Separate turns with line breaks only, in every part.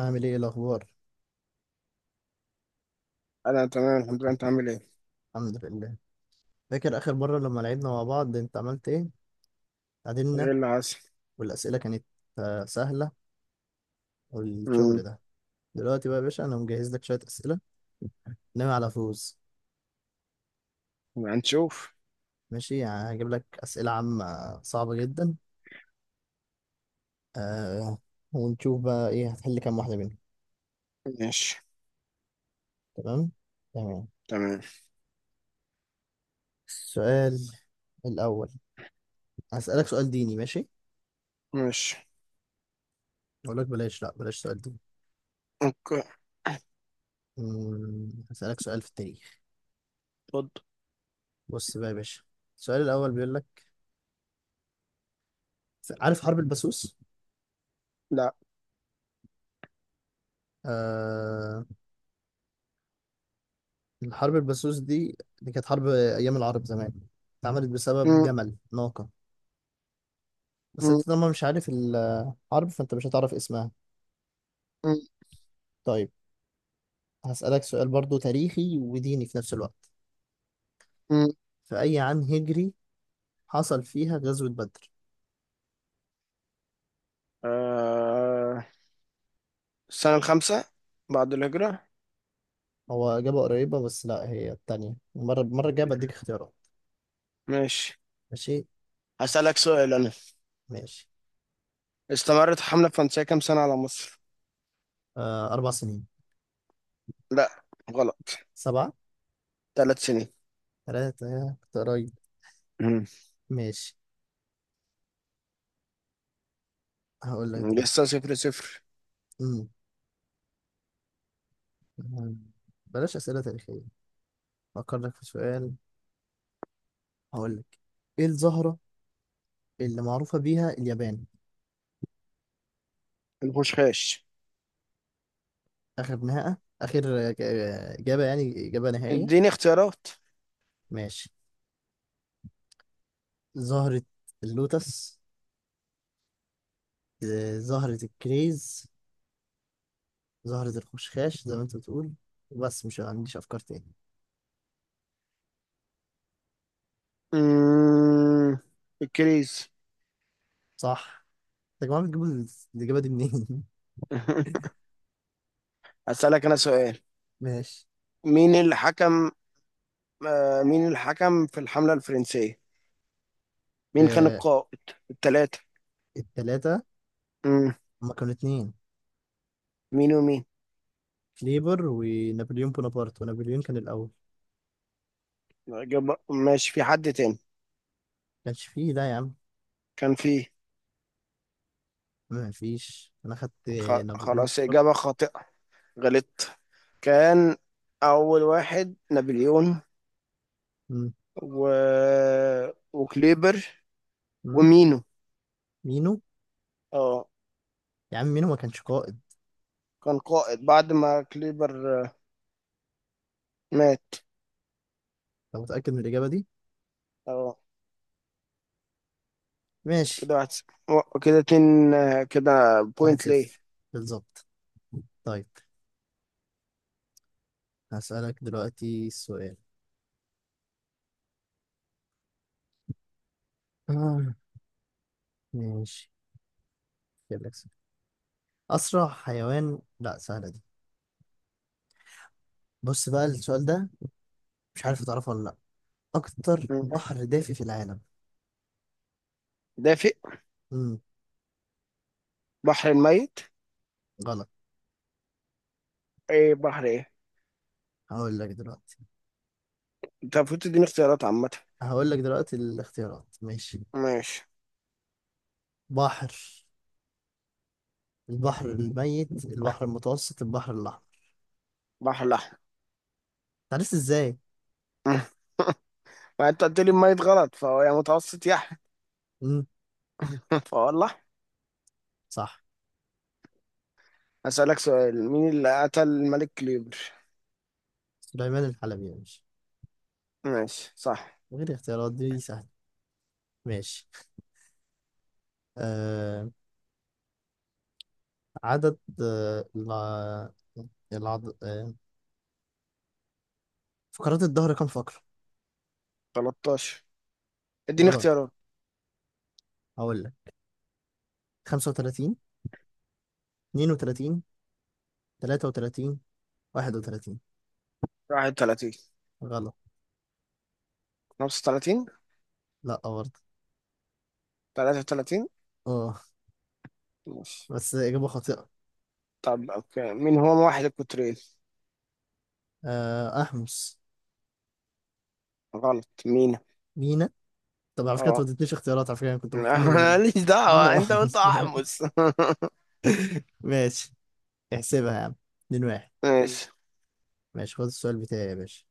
عامل ايه الاخبار؟
انا تمام، الحمد لله. انت عامل ايه؟
الحمد لله. فاكر اخر مره لما لعبنا مع بعض؟ انت عملت ايه؟
ايه
تعادلنا.
اللي حصل؟
والاسئله كانت سهله. والشغل
امم.
ده. دلوقتي بقى يا باشا، انا مجهز لك شويه اسئله. ناوي على فوز.
يبقى هنشوف.
ماشي، يعني هجيب لك اسئله عامه صعبه جدا. آه ونشوف بقى ايه هتحل كام واحده منهم.
ماشي.
تمام. تمام.
تمام.
السؤال الاول. هسالك سؤال ديني، ماشي؟
ماشي.
اقول لك بلاش، لا بلاش سؤال ديني.
اوكي.
هسالك سؤال في التاريخ.
اتفضل.
بص بقى يا باشا. السؤال الاول بيقول لك، عارف حرب البسوس؟
لا.
آه. الحرب البسوس دي كانت حرب أيام العرب زمان، اتعملت بسبب
مم.
جمل ناقة. بس أنت
مم.
طالما مش عارف الحرب، فأنت مش هتعرف اسمها.
مم.
طيب، هسألك سؤال برضو تاريخي وديني في نفس الوقت.
مم.
في أي عام هجري حصل فيها غزوة بدر؟
آه... السنة الخامسة بعد الهجرة.
هو إجابة قريبة، بس لا، هي التانية. المرة الجاية بديك اختيارات.
ماشي.
ماشي.
هسألك
ماشي.
سؤال انا.
ماشي.
استمرت الحملة الفرنسية كام سنة على مصر؟
آه، أربع سنين.
لا، غلط.
سبعة.
3 سنين.
تلاتة، كنت قريب.
مم.
ماشي، هقول لك دلوقتي.
لسه صفر صفر.
مم. بلاش أسئلة تاريخية، أفكر لك في سؤال. هقول لك، إيه الزهرة اللي معروفة بيها اليابان؟
الخشخاش.
آخر نهاية، آخر إجابة، يعني إجابة نهائية.
اديني اختيارات.
ماشي، زهرة اللوتس، زهرة الكريز، زهرة الخشخاش زي ما أنت بتقول. بس مش عنديش أفكار تاني.
مم. الكريز.
صح. يا جماعة، بتجيبوا الإجابة دي منين؟
هسألك أنا سؤال.
ماشي.
مين اللي حكم مين اللي حكم في الحملة الفرنسية؟ مين كان
آه،
القائد؟ التلاتة.
التلاتة.
مم.
هما كانوا اتنين.
مين ومين؟
كليبر ونابليون بونابرت، ونابليون كان الأول.
إجابة، ماشي، في حد تاني؟
كانش فيه ده يا عم.
كان في.
ما فيش، أنا خدت نابليون
خلاص، إجابة
بونابرت.
خاطئة. غلطت. كان أول واحد نابليون، و... وكليبر،
مم.
ومينو.
مينو.
اه.
يا عم مينو ما كانش قائد.
كان قائد بعد ما كليبر مات.
انت متأكد من الإجابة دي؟
اه،
ماشي.
كده 1-0. كده اتنين، كده
واحد
بوينت ليه؟
صفر، بالظبط. طيب، هسألك دلوقتي السؤال. آه. ماشي، جايب لك سؤال. أسرع حيوان، لا، سهلة دي. بص بقى السؤال ده، مش عارف تعرفه ولا لأ. أكتر
مم.
بحر دافي في العالم؟
دافئ.
مم.
بحر الميت.
غلط.
ايه، بحر ايه؟
هقول لك دلوقتي.
انت المفروض تديني اختيارات عامة.
هقول لك دلوقتي الاختيارات، ماشي؟
ماشي.
بحر، البحر الميت، البحر المتوسط، البحر الأحمر.
بحر الأحمر.
عرفت إزاي؟
ما انت قلت لي الميت غلط فهو يا متوسط يا أحمر.
مم.
فوالله.
صح.
هسألك سؤال، مين اللي قتل الملك كليبر؟
سليمان الحلبي يعني.
ماشي، صح.
من غير اختيارات، دي سهلة. ماشي. آه. عدد العض... آه فقرات الظهر كم فقرة؟
13. اديني
غلط،
اختيارات.
هقول لك. 35، 32، 33، 31.
31.
غلط.
35.
لا برضه.
33.
اه.
ماشي.
بس إجابة خاطئة.
طب، اوكي، مين هو موحد القطرين؟
آه، أحمس.
غلط، مين؟
مينا. طب، على فكرة أنت ما
اه.
اديتنيش اختيارات، على فكرة أنا كنت محتار ما بين
ماليش
مينا
دعوة، انت قلت
وأحمس.
احمس.
ماشي. احسبها يا عم، 2-1.
ماشي.
ماشي، خد السؤال بتاعي يا باشا.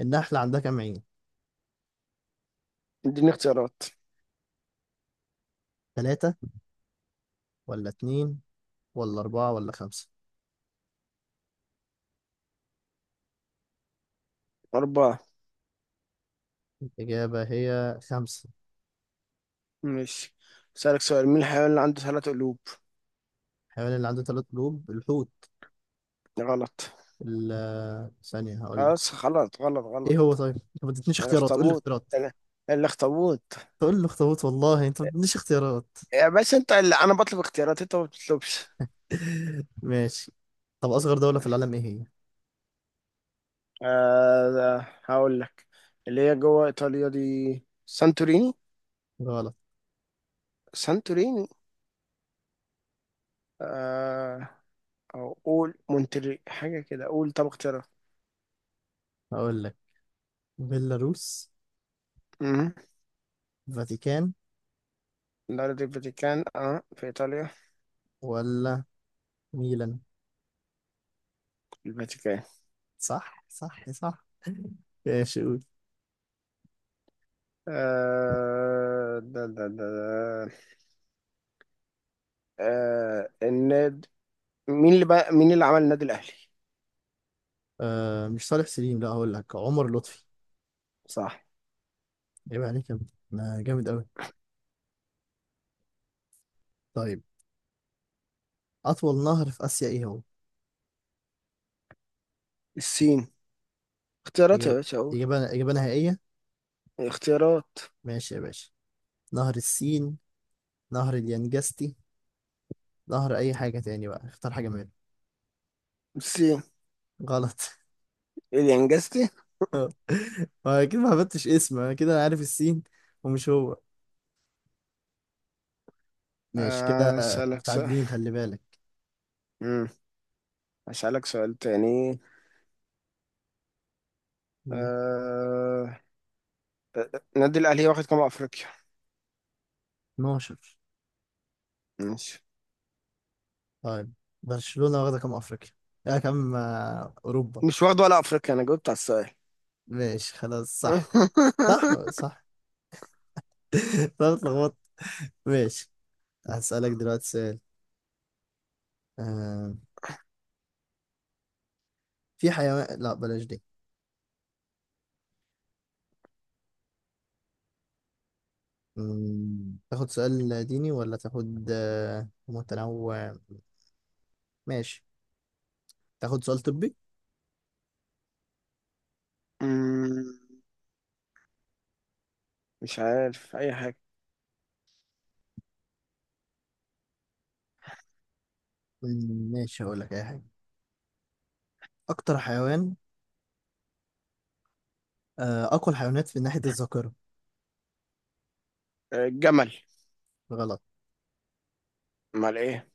النحلة عندها كام عين؟
اديني اختيارات.
ثلاثة، ولا اتنين، ولا أربعة، ولا خمسة؟
أربعة.
الإجابة هي خمسة.
ماشي. أسألك سؤال، مين الحيوان اللي عنده ثلاث قلوب؟
الحيوان اللي عنده ثلاث قلوب، الحوت.
غلط.
ثانية هقول لك.
خلاص، غلط غلط
إيه
غلط.
هو طيب؟ أنت ما ادتنيش اختيارات، قول لي
الاخطبوط.
اختيارات.
ال- الاخطبوط.
تقول لي اخطبوط، والله أنت ما ادتنيش اختيارات.
يا بس انت، اللي انا بطلب اختيارات، انت ما بتطلبش.
ماشي. طب أصغر دولة في العالم إيه هي؟
ده، هقول لك اللي هي جوه ايطاليا دي، سانتوريني.
غلط.
سانتوريني. آه او قول مونتري، حاجه كده، قول، طب اختيارات.
هقول لك، بيلاروس،
امم
فاتيكان،
دولة الفاتيكان، اه، في ايطاليا.
ولا ميلان.
الفاتيكان.
صح. صح. صح. ماشي، قول.
آه ده ده ده ده. آه الناد مين اللي عمل النادي الاهلي؟
آه، مش صالح سليم، لا، هقول لك عمر لطفي.
صح.
يبقى عليك يا ابني. ما جامد أوي. طيب، أطول نهر في آسيا إيه هو؟
الصين. اختيارات يا
إجابة.
باشا، اقول.
إجابة. إجابة نهائية.
اختيارات.
ماشي يا باشا، نهر السين، نهر اليانجستي، نهر أي حاجة تاني بقى، اختار حاجة منهم.
بصي.
غلط.
اللي انجزتي.
ما أكيد، ما هبتش اسم، أنا كده عارف السين ومش هو. ماشي كده.
اسالك سؤال.
متعادلين، خلي بالك.
امم اسالك سؤال تاني.
مم.
أه... النادي الاهلي واخد كام افريقيا؟
12.
ماشي.
طيب، برشلونة واخدة كام أفريقيا؟ يا كام أوروبا.
مش واخد ولا افريقيا، انا جاوبت على السؤال.
ماشي خلاص، صح. صح. صح. طب اتلخبطت. ماشي، هسألك دلوقتي سؤال. آه، في حيوان، لا بلاش دي. تاخد سؤال ديني ولا تاخد متنوع؟ ماشي، تاخد سؤال طبي.
أمم، مش عارف اي حاجه.
ماشي، هقول لك اي حاجه. اكتر حيوان، اقوى الحيوانات في ناحيه الذاكره؟
الجمل.
غلط.
امال ايه؟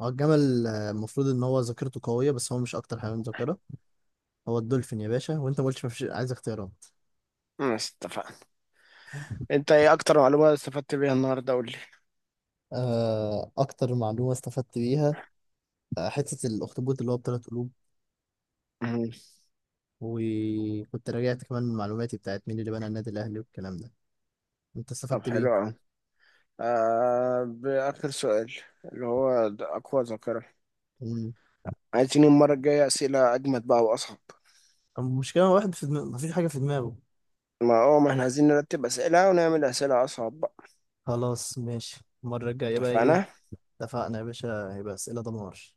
هو الجمل، المفروض ان هو ذاكرته قويه، بس هو مش اكتر حيوان ذاكره. هو الدولفين يا باشا، وانت ما قلتش مفيش، عايز اختيارات.
ماشي، اتفقنا. انت ايه اكتر معلومه استفدت بيها النهارده؟ قول لي.
اكتر معلومه استفدت بيها، حته الاخطبوط اللي هو بثلاث قلوب.
أمم،
وكنت راجعت كمان من معلوماتي بتاعت مين اللي بنى النادي الاهلي والكلام ده. انت
طب،
استفدت
حلو قوي. باخر سؤال اللي هو اقوى ذاكره.
بيه.
عايزين المرة الجاية أسئلة أجمد بقى وأصعب.
المشكلة واحد في دماغه، مفيش حاجة في دماغه.
ما احنا عايزين نرتب أسئلة ونعمل أسئلة أصعب بقى.
خلاص ماشي. المرة الجاية بقى ايه؟
اتفقنا؟
اتفقنا يا باشا، هيبقى أسئلة دمار.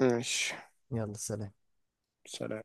ماشي.
يلا، سلام.
سلام.